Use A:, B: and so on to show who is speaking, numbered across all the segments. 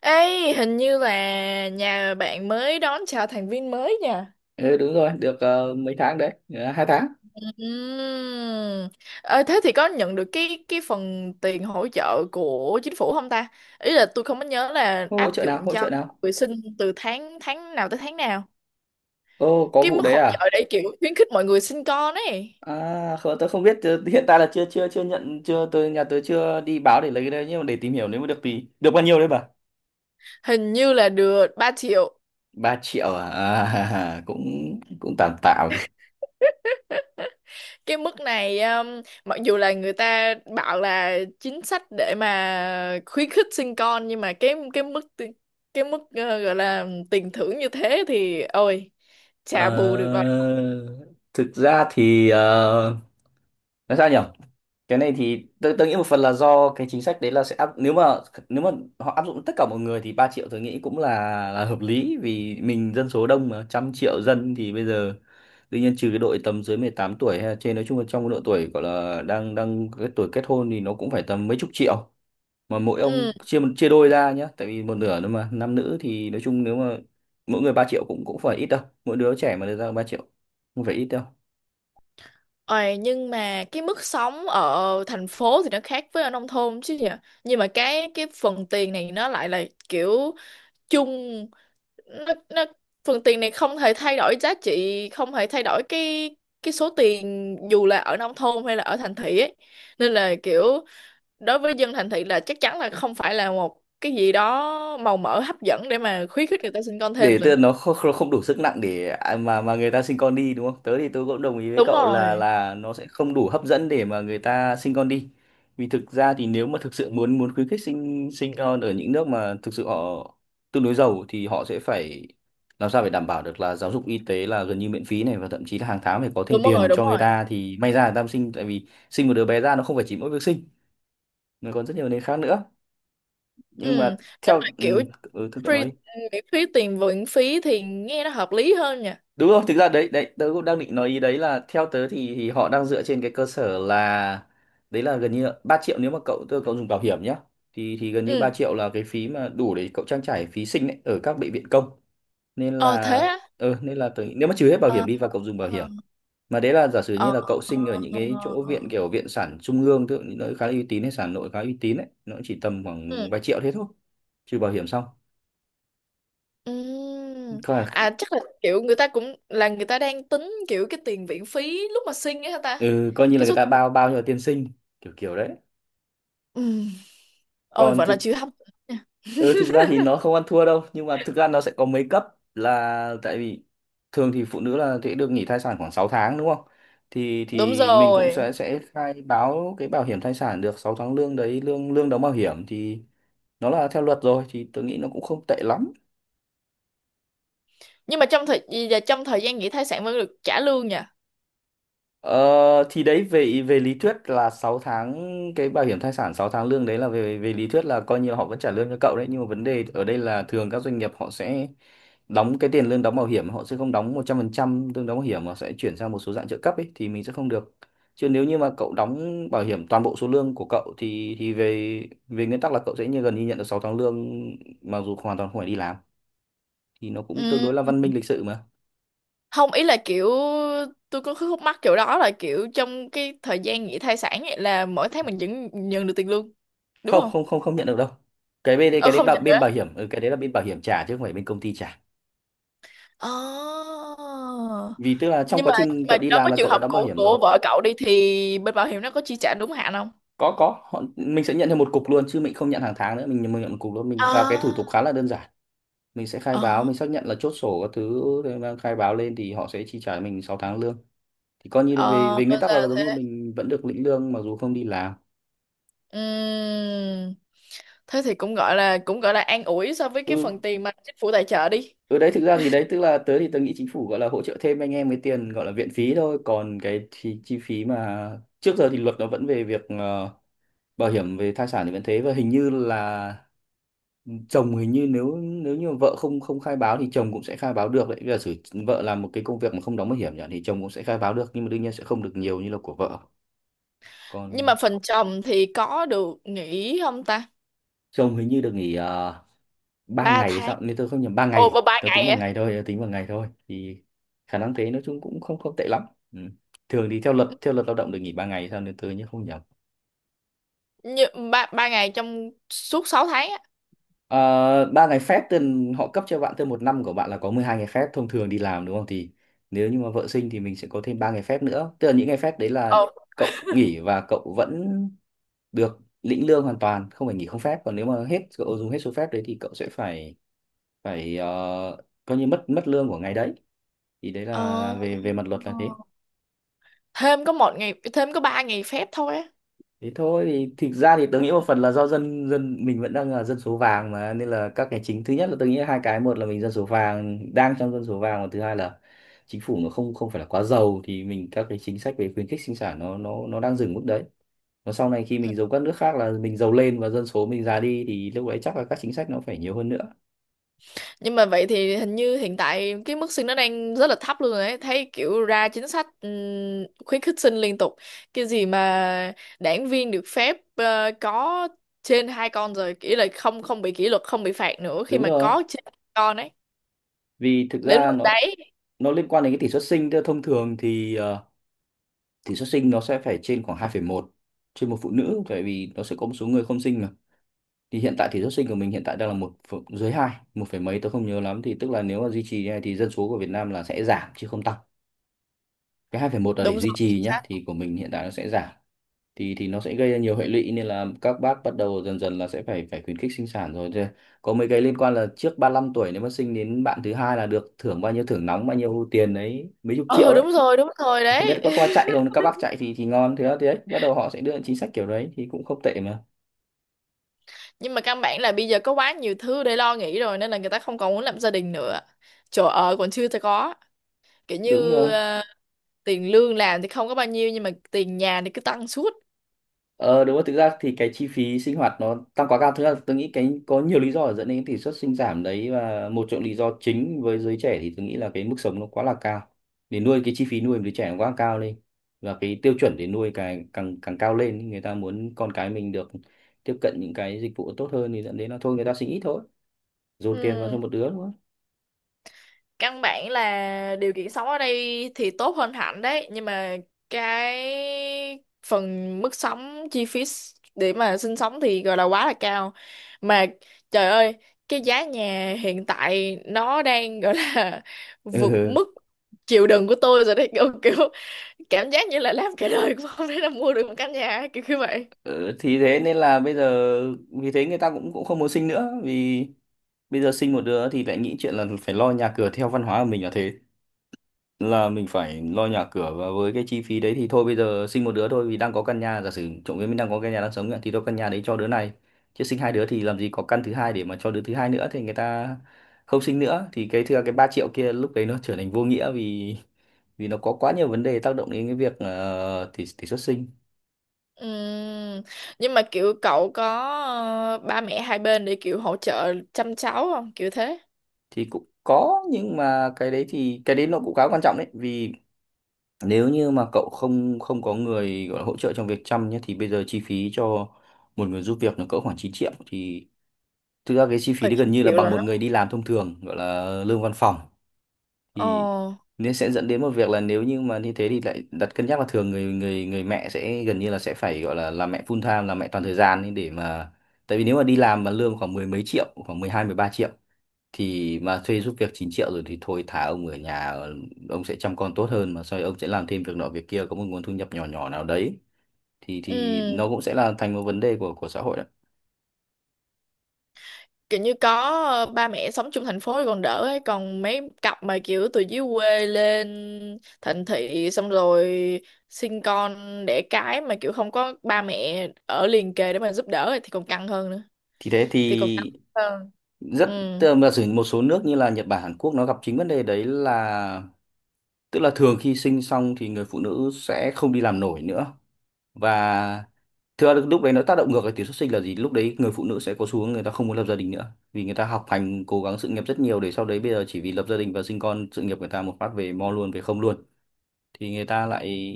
A: Ê, hình như là nhà bạn mới đón chào thành viên mới nha.
B: Ừ, đúng rồi, được mấy tháng đấy. Ờ, Hai tháng.
A: Ừm. Ờ, thế thì có nhận được cái phần tiền hỗ trợ của chính phủ không ta? Ý là tôi không có nhớ là
B: Ô, hỗ
A: áp
B: trợ nào,
A: dụng
B: hỗ
A: cho
B: trợ nào?
A: người sinh từ tháng tháng nào tới tháng nào.
B: Ô, có
A: Cái
B: vụ
A: mức
B: đấy
A: hỗ
B: à?
A: trợ để kiểu khuyến khích mọi người sinh con ấy.
B: À, không, tôi không biết, hiện tại là chưa chưa chưa nhận, chưa tôi nhà tôi chưa đi báo để lấy cái đấy, nhưng mà để tìm hiểu nếu mà được thì được bao nhiêu đấy bà?
A: Hình như là được 3 triệu.
B: Ba triệu à? À cũng cũng tạm tạm.
A: Cái mức này mặc dù là người ta bảo là chính sách để mà khuyến khích sinh con nhưng mà cái mức gọi là tiền thưởng như thế thì ôi chả bù được rồi.
B: Ờ, thực ra thì nói sao nhỉ? Cái này thì tôi nghĩ một phần là do cái chính sách đấy, là sẽ áp nếu mà nếu mà họ áp dụng tất cả mọi người thì 3 triệu tôi nghĩ cũng là hợp lý, vì mình dân số đông mà, trăm triệu dân thì bây giờ tuy nhiên trừ cái đội tầm dưới 18 tuổi hay là trên, nói chung là trong cái độ tuổi gọi là đang đang cái tuổi kết hôn thì nó cũng phải tầm mấy chục triệu. Mà mỗi
A: Ừ.
B: ông chia chia đôi ra nhá, tại vì một nửa nữa mà nam nữ, thì nói chung nếu mà mỗi người 3 triệu cũng cũng phải ít đâu, mỗi đứa trẻ mà được ra 3 triệu không phải ít
A: Ôi, nhưng mà cái mức sống ở thành phố thì nó khác với ở nông thôn chứ nhỉ. Nhưng mà cái phần tiền này nó lại là kiểu chung. Nó, nó phần tiền này không thể thay đổi giá trị, không thể thay đổi cái số tiền dù là ở nông thôn hay là ở thành thị ấy. Nên là kiểu đối với dân thành thị là chắc chắn là không phải là một cái gì đó màu mỡ hấp dẫn để
B: đâu.
A: mà khuyến khích người ta sinh con thêm
B: Để tức là
A: rồi.
B: nó không, không đủ sức nặng để à, mà người ta sinh con đi đúng không? Tớ thì tớ cũng đồng ý với
A: Đúng
B: cậu là
A: rồi,
B: nó sẽ không đủ hấp dẫn để mà người ta sinh con đi. Vì thực ra thì nếu mà thực sự muốn muốn khuyến khích sinh sinh con, ở những nước mà thực sự họ tương đối giàu thì họ sẽ phải làm sao phải đảm bảo được là giáo dục y tế là gần như miễn phí này, và thậm chí là hàng tháng phải có thêm
A: đúng rồi,
B: tiền
A: đúng
B: cho người
A: rồi.
B: ta thì may ra người ta mới sinh. Tại vì sinh một đứa bé ra nó không phải chỉ mỗi việc sinh, nó còn rất nhiều nền khác nữa. Nhưng
A: Ừ.
B: mà
A: Nếu
B: theo
A: mà kiểu
B: ừ, thưa cậu
A: free
B: nói đi.
A: miễn phí tiền viện phí thì nghe nó hợp lý hơn nha.
B: Đúng rồi, thực ra đấy đấy tớ cũng đang định nói ý đấy, là theo tớ thì họ đang dựa trên cái cơ sở là đấy là gần như là 3 triệu nếu mà cậu dùng bảo hiểm nhá, thì gần như 3
A: Ừ.
B: triệu là cái phí mà đủ để cậu trang trải phí sinh ấy, ở các bệnh viện công nên
A: Ờ, thế
B: là.
A: á?
B: Nên là tớ nghĩ- nếu mà trừ hết bảo hiểm
A: Ờ.
B: đi và cậu dùng bảo hiểm,
A: Ờ.
B: mà đấy là giả sử
A: Ờ.
B: như là cậu
A: Ờ,
B: sinh ở những cái
A: ờ.
B: chỗ
A: Ờ.
B: viện kiểu viện sản trung ương, tức là những nơi khá là uy tín, hay sản nội khá uy tín ấy, nó chỉ tầm
A: Ừ.
B: khoảng vài triệu thế thôi, trừ bảo hiểm xong
A: Ừm.
B: coi là,
A: À, chắc là kiểu người ta cũng là người ta đang tính kiểu cái tiền viện phí lúc mà sinh ấy hả ta?
B: ừ, coi như là
A: Cái
B: người
A: số
B: ta
A: tiền.
B: bao bao cho tiền sinh kiểu kiểu đấy.
A: Ừm. Ôi
B: Còn
A: vẫn là
B: thực
A: chưa hấp dẫn nha.
B: Ừ, thực ra thì nó không ăn thua đâu, nhưng mà thực ra nó sẽ có mấy cấp, là tại vì thường thì phụ nữ là sẽ được nghỉ thai sản khoảng 6 tháng đúng không, thì
A: Đúng
B: mình cũng
A: rồi.
B: sẽ khai báo cái bảo hiểm thai sản được 6 tháng lương đấy, lương lương đóng bảo hiểm thì nó là theo luật rồi thì tôi nghĩ nó cũng không tệ lắm.
A: Nhưng mà trong thời và trong thời gian nghỉ thai sản vẫn được trả lương nha.
B: Ờ, thì đấy về về lý thuyết là 6 tháng, cái bảo hiểm thai sản 6 tháng lương đấy là về về lý thuyết là coi như là họ vẫn trả lương cho cậu đấy, nhưng mà vấn đề ở đây là thường các doanh nghiệp họ sẽ đóng cái tiền lương đóng bảo hiểm, họ sẽ không đóng 100% lương đóng bảo hiểm mà sẽ chuyển sang một số dạng trợ cấp ấy, thì mình sẽ không được. Chứ nếu như mà cậu đóng bảo hiểm toàn bộ số lương của cậu thì về về nguyên tắc là cậu sẽ như gần như nhận được 6 tháng lương, mặc dù hoàn toàn không phải đi làm, thì nó cũng tương
A: Ừm.
B: đối là văn minh lịch sự mà.
A: Không, ý là kiểu tôi có khúc mắc kiểu đó là kiểu trong cái thời gian nghỉ thai sản ấy là mỗi tháng mình vẫn nhận được tiền lương, đúng
B: Không
A: không?
B: không không không nhận được đâu, cái bên đấy
A: Ờ,
B: cái đấy
A: không nhận
B: bên
A: nữa.
B: bảo hiểm, cái đấy là bên bảo hiểm trả chứ không phải bên công ty trả,
A: À.
B: vì tức là trong
A: nhưng
B: quá
A: mà nhưng
B: trình
A: mà
B: cậu đi
A: đối
B: làm
A: với
B: là
A: trường
B: cậu đã
A: hợp
B: đóng bảo
A: của
B: hiểm rồi.
A: của vợ cậu đi thì bên bảo hiểm nó có chi trả đúng hạn không?
B: Có họ, mình sẽ nhận theo một cục luôn chứ mình không nhận hàng tháng nữa, mình nhận một cục luôn, mình và cái thủ tục
A: À.
B: khá là đơn giản. Mình sẽ khai báo,
A: Ờ.
B: mình xác nhận là chốt sổ các thứ để mà khai báo lên thì họ sẽ chi trả mình 6 tháng lương, thì coi như về
A: Ờ
B: về
A: ra
B: nguyên tắc
A: là
B: là giống như
A: thế.
B: mình vẫn được lĩnh lương mặc dù không đi làm.
A: Ừm, thế thì cũng gọi là an ủi so với cái
B: Ừ.
A: phần tiền mà chính phủ tài trợ đi.
B: Ừ đấy, thực ra thì đấy tức là tớ thì tớ nghĩ chính phủ gọi là hỗ trợ thêm anh em cái tiền gọi là viện phí thôi, còn cái chi phí mà trước giờ thì luật nó vẫn về việc bảo hiểm về thai sản thì vẫn thế, và hình như là chồng hình như nếu nếu như vợ không không khai báo thì chồng cũng sẽ khai báo được đấy. Bây giờ sử vợ làm một cái công việc mà không đóng bảo hiểm nhỉ, thì chồng cũng sẽ khai báo được, nhưng mà đương nhiên sẽ không được nhiều như là của vợ.
A: Nhưng mà
B: Còn
A: phần chồng thì có được nghỉ không ta?
B: chồng hình như được nghỉ ba
A: Ba
B: ngày hay
A: tháng.
B: sao nếu tôi không nhầm, ba
A: Ồ,
B: ngày,
A: ba ba
B: tôi tính
A: ngày
B: bằng
A: á?
B: ngày thôi, thì khả năng thế, nói chung cũng không không tệ lắm. Ừ. Thường thì theo luật, lao động được nghỉ ba ngày hay sao nếu tôi nhớ không nhầm.
A: Như ba ba ngày trong suốt 6 tháng á?
B: Ờ, ba ngày phép thì họ cấp cho bạn thêm, một năm của bạn là có 12 ngày phép thông thường đi làm đúng không, thì nếu như mà vợ sinh thì mình sẽ có thêm ba ngày phép nữa, tức là những ngày phép đấy là
A: Ồ.
B: cậu nghỉ và cậu vẫn được lĩnh lương, hoàn toàn không phải nghỉ không phép. Còn nếu mà hết, cậu dùng hết số phép đấy thì cậu sẽ phải phải coi như mất mất lương của ngày đấy, thì đấy là
A: Ờ,
B: về về mặt luật là thế.
A: thêm có một ngày, thêm có ba ngày phép thôi á? Ừ.
B: Thế thôi, thì thực ra thì tôi nghĩ một phần là do dân dân mình vẫn đang là dân số vàng mà, nên là các cái chính, thứ nhất là tôi nghĩ hai cái, một là mình dân số vàng, đang trong dân số vàng, và thứ hai là chính phủ nó không không phải là quá giàu, thì mình các cái chính sách về khuyến khích sinh sản nó nó đang dừng mức đấy. Và sau này khi mình giống các nước khác là mình giàu lên và dân số mình già đi thì lúc đấy chắc là các chính sách nó phải nhiều hơn nữa.
A: Nhưng mà vậy thì hình như hiện tại cái mức sinh nó đang rất là thấp luôn rồi ấy. Thấy kiểu ra chính sách khuyến khích sinh liên tục. Cái gì mà đảng viên được phép có trên hai con rồi, kỷ là không không bị kỷ luật, không bị phạt nữa khi
B: Đúng
A: mà
B: rồi,
A: có trên hai con ấy.
B: vì thực
A: Đến
B: ra
A: mức
B: nó
A: đấy.
B: liên quan đến cái tỷ suất sinh, tức là thông thường thì tỷ suất sinh nó sẽ phải trên khoảng 2,1 trên một phụ nữ, tại vì nó sẽ có một số người không sinh mà. Thì hiện tại tỷ suất sinh của mình hiện tại đang là dưới hai, một phẩy mấy tôi không nhớ lắm, thì tức là nếu mà duy trì như này thì dân số của Việt Nam là sẽ giảm chứ không tăng, cái 2,1 là để
A: Đúng
B: duy
A: rồi, chính
B: trì nhá,
A: xác.
B: thì của mình hiện tại nó sẽ giảm. Thì nó sẽ gây ra nhiều hệ lụy nên là các bác bắt đầu dần dần là sẽ phải phải khuyến khích sinh sản rồi. Thế có mấy cái liên quan là trước 35 tuổi nếu mà sinh đến bạn thứ hai là được thưởng bao nhiêu, thưởng nóng bao nhiêu tiền đấy, mấy chục triệu.
A: Ừ, đúng rồi
B: Không biết
A: đấy.
B: các qua chạy không, các bác chạy thì ngon, thế đó thế đấy, bắt đầu họ sẽ đưa những chính sách kiểu đấy thì cũng không tệ mà.
A: Nhưng mà căn bản là bây giờ có quá nhiều thứ để lo nghĩ rồi nên là người ta không còn muốn làm gia đình nữa. Chỗ ở còn chưa có. Kiểu
B: Đúng
A: như
B: rồi.
A: tiền lương làm thì không có bao nhiêu nhưng mà tiền nhà thì cứ tăng suốt.
B: Ờ đúng rồi, thực ra thì cái chi phí sinh hoạt nó tăng quá cao, thứ là tôi nghĩ cái có nhiều lý do để dẫn đến cái tỷ suất sinh giảm đấy, và một trong lý do chính với giới trẻ thì tôi nghĩ là cái mức sống nó quá là cao, để nuôi cái chi phí nuôi đứa trẻ nó quá cao lên, và cái tiêu chuẩn để nuôi càng càng càng cao lên, người ta muốn con cái mình được tiếp cận những cái dịch vụ tốt hơn, thì dẫn đến là thôi người ta sinh ít thôi, dồn tiền vào cho
A: Ừ,
B: một đứa thôi.
A: căn bản là điều kiện sống ở đây thì tốt hơn hẳn đấy nhưng mà cái phần mức sống để mà sinh sống thì gọi là quá là cao. Mà trời ơi, cái giá nhà hiện tại nó đang gọi là vượt mức chịu đựng của tôi rồi đấy, kiểu, kiểu cảm giác như là làm cả đời cũng không thể là mua được một căn nhà kiểu như vậy.
B: Ờ, thì thế nên là bây giờ, vì thế người ta cũng cũng không muốn sinh nữa. Vì bây giờ sinh một đứa thì lại nghĩ chuyện là phải lo nhà cửa, theo văn hóa của mình là thế, là mình phải lo nhà cửa. Và với cái chi phí đấy thì thôi bây giờ sinh một đứa thôi, vì đang có căn nhà, giả sử trộm vía mình đang có căn nhà đang sống ạ, thì tôi căn nhà đấy cho đứa này, chứ sinh hai đứa thì làm gì có căn thứ hai để mà cho đứa thứ hai nữa. Thì người ta không sinh nữa, thì cái thưa cái 3 triệu kia lúc đấy nó trở thành vô nghĩa. Vì vì nó có quá nhiều vấn đề tác động đến cái việc tỷ tỷ suất sinh.
A: Ừm. Nhưng mà kiểu cậu có ba mẹ hai bên để kiểu hỗ trợ chăm cháu không? Kiểu thế.
B: Thì cũng có, nhưng mà cái đấy, thì cái đấy nó cũng khá quan trọng đấy. Vì nếu như mà cậu không không có người gọi là hỗ trợ trong việc chăm nhé, thì bây giờ chi phí cho một người giúp việc nó cỡ khoảng 9 triệu. Thì thực ra cái chi phí
A: Ừ,
B: đấy gần như là
A: kiểu
B: bằng
A: là
B: một
A: nó.
B: người đi làm thông thường, gọi là lương văn phòng.
A: Ồ.
B: Thì nên sẽ dẫn đến một việc là nếu như mà như thế thì lại đặt cân nhắc là thường người người người mẹ sẽ gần như là sẽ phải gọi là làm mẹ full time, làm mẹ toàn thời gian ấy để mà, tại vì nếu mà đi làm mà lương khoảng mười mấy triệu, khoảng 12-13 triệu, thì mà thuê giúp việc 9 triệu rồi thì thôi thả ông ở nhà. Ờ, ông sẽ chăm con tốt hơn, mà sau đấy ông sẽ làm thêm việc nọ việc kia, có một nguồn thu nhập nhỏ nhỏ nào đấy. Thì
A: Ừ.
B: nó cũng sẽ là thành một vấn đề của xã hội đấy.
A: Kiểu như có ba mẹ sống chung thành phố thì còn đỡ ấy. Còn mấy cặp mà kiểu từ dưới quê lên thành thị xong rồi sinh con đẻ cái mà kiểu không có ba mẹ ở liền kề để mà giúp đỡ ấy, thì còn căng hơn nữa.
B: Thì thế
A: Thì còn căng
B: thì
A: hơn. Ừ.
B: rất, tức là sử một số nước như là Nhật Bản, Hàn Quốc, nó gặp chính vấn đề đấy. Là tức là thường khi sinh xong thì người phụ nữ sẽ không đi làm nổi nữa. Và thưa lúc đấy nó tác động ngược lại tỷ suất sinh là gì, lúc đấy người phụ nữ sẽ có xu hướng người ta không muốn lập gia đình nữa, vì người ta học hành cố gắng sự nghiệp rất nhiều, để sau đấy bây giờ chỉ vì lập gia đình và sinh con, sự nghiệp người ta một phát về mo luôn, về không luôn. Thì người ta lại,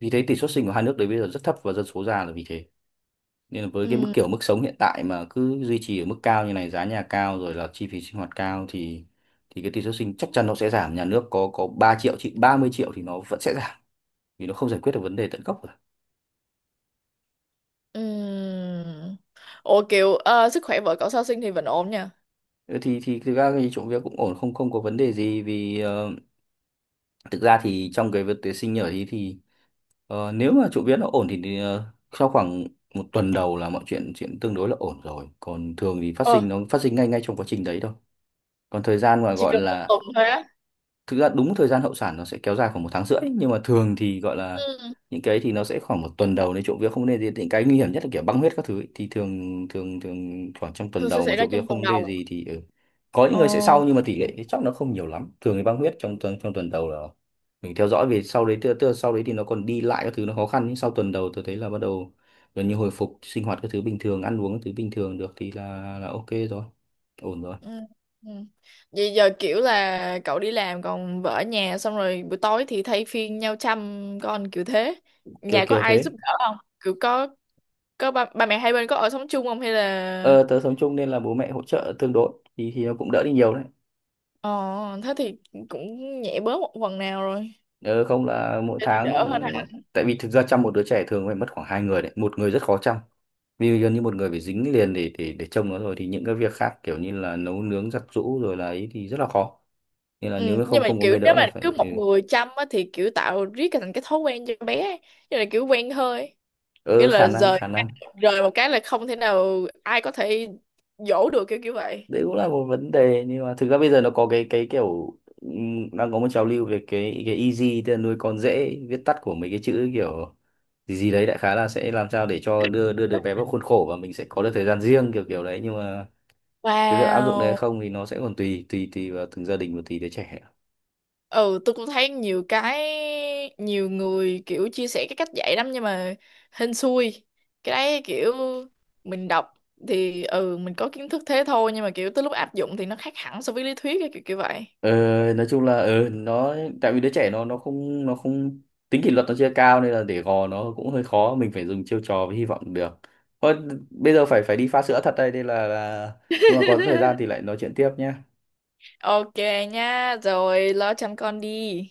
B: vì thế tỷ suất sinh của hai nước đấy bây giờ rất thấp, và dân số già là vì thế. Nên là với cái mức,
A: Ừ.
B: kiểu mức sống hiện tại mà cứ duy trì ở mức cao như này, giá nhà cao rồi là chi phí sinh hoạt cao, thì cái tỷ suất sinh chắc chắn nó sẽ giảm. Nhà nước có 3 triệu chị 30 triệu thì nó vẫn sẽ giảm, vì nó không giải quyết được vấn đề tận gốc.
A: Ừm. Ủa kiểu sức khỏe vợ cậu sau sinh thì vẫn ổn nha.
B: Ừ, thì thực ra thì chỗ việc cũng ổn, không không có vấn đề gì. Vì thực ra thì trong cái việc tuyển sinh nhở thì nếu mà chỗ việc nó ổn thì, thì sau khoảng một tuần đầu là mọi chuyện chuyện tương đối là ổn rồi. Còn thường thì phát
A: Ờ,
B: sinh nó phát sinh ngay ngay trong quá trình đấy thôi. Còn thời gian mà
A: chỉ
B: gọi
A: cần một
B: là,
A: tuần thôi á?
B: thực ra đúng thời gian hậu sản nó sẽ kéo dài khoảng một tháng rưỡi, nhưng mà thường thì gọi là
A: Ừ,
B: những cái thì nó sẽ khoảng một tuần đầu đấy, trộm vía không nên gì, những cái nguy hiểm nhất là kiểu băng huyết các thứ ấy. Thì thường thường thường khoảng trong tuần
A: thường sẽ
B: đầu mà
A: xảy ra
B: trộm vía
A: trong tuần
B: không nên
A: đầu.
B: gì thì ừ. Có những người sẽ
A: Ờ.
B: sau, nhưng mà tỷ lệ thì chắc nó không nhiều lắm. Thường thì băng huyết trong tuần đầu là mình theo dõi về sau đấy. Tức là sau đấy thì nó còn đi lại các thứ nó khó khăn, nhưng sau tuần đầu tôi thấy là bắt đầu gần như hồi phục, sinh hoạt các thứ bình thường, ăn uống các thứ bình thường được, thì là ok rồi, ổn rồi.
A: Ừ. Ừ. Vậy giờ kiểu là cậu đi làm còn vợ ở nhà xong rồi buổi tối thì thay phiên nhau chăm con kiểu thế.
B: Kiểu
A: Nhà có
B: kiểu
A: ai giúp
B: thế.
A: đỡ không? Kiểu có ba mẹ hai bên có ở sống chung không hay là?
B: Ờ, tớ sống chung nên là bố mẹ hỗ trợ tương đối, thì nó cũng đỡ đi nhiều đấy.
A: Ờ, thế thì cũng nhẹ bớt một phần nào rồi.
B: Ờ, không là mỗi
A: Thế thì
B: tháng
A: đỡ hơn
B: ừ,
A: ha.
B: tại vì thực ra chăm một đứa trẻ thường phải mất khoảng hai người đấy, một người rất khó chăm. Vì gần như một người phải dính liền để trông nó. Rồi thì những cái việc khác kiểu như là nấu nướng, giặt giũ rồi là ấy, thì rất là khó. Nên là
A: Ừ,
B: nếu
A: nhưng
B: không
A: mà
B: không có
A: kiểu
B: người
A: nếu
B: đỡ
A: mà
B: là
A: cứ
B: phải ừ,
A: một người chăm á, thì kiểu tạo riết cái- thành cái thói quen cho bé ấy. Như là kiểu quen hơi kiểu
B: Ờ, khả
A: là
B: năng
A: rời
B: khả năng
A: rời một cái là không thể nào ai có thể dỗ được kiểu kiểu vậy.
B: đấy cũng là một vấn đề. Nhưng mà thực ra bây giờ nó có cái kiểu đang có một trào lưu về cái easy, tức là nuôi con dễ, viết tắt của mấy cái chữ kiểu gì gì đấy, đại khái là sẽ làm sao để cho đưa đưa được bé vào khuôn khổ, và mình sẽ có được thời gian riêng kiểu kiểu đấy. Nhưng mà cái việc áp dụng đấy hay
A: Wow.
B: không thì nó sẽ còn tùy tùy tùy vào từng gia đình và tùy đứa trẻ.
A: Ừ, tôi cũng thấy nhiều cái nhiều người kiểu chia sẻ cái cách dạy lắm nhưng mà hên xui. Cái đấy kiểu mình đọc thì ừ mình có kiến thức thế thôi nhưng mà kiểu tới lúc áp dụng thì nó khác hẳn so với lý thuyết ấy, kiểu kiểu vậy.
B: Ờ, nói chung là nó, tại vì đứa trẻ nó không tính kỷ luật nó chưa cao, nên là để gò nó cũng hơi khó, mình phải dùng chiêu trò với hy vọng được thôi. Bây giờ phải phải đi pha sữa thật đây, nên là lúc nào có thời gian thì lại nói chuyện tiếp nhé.
A: Ok nha, rồi lo chăm con đi.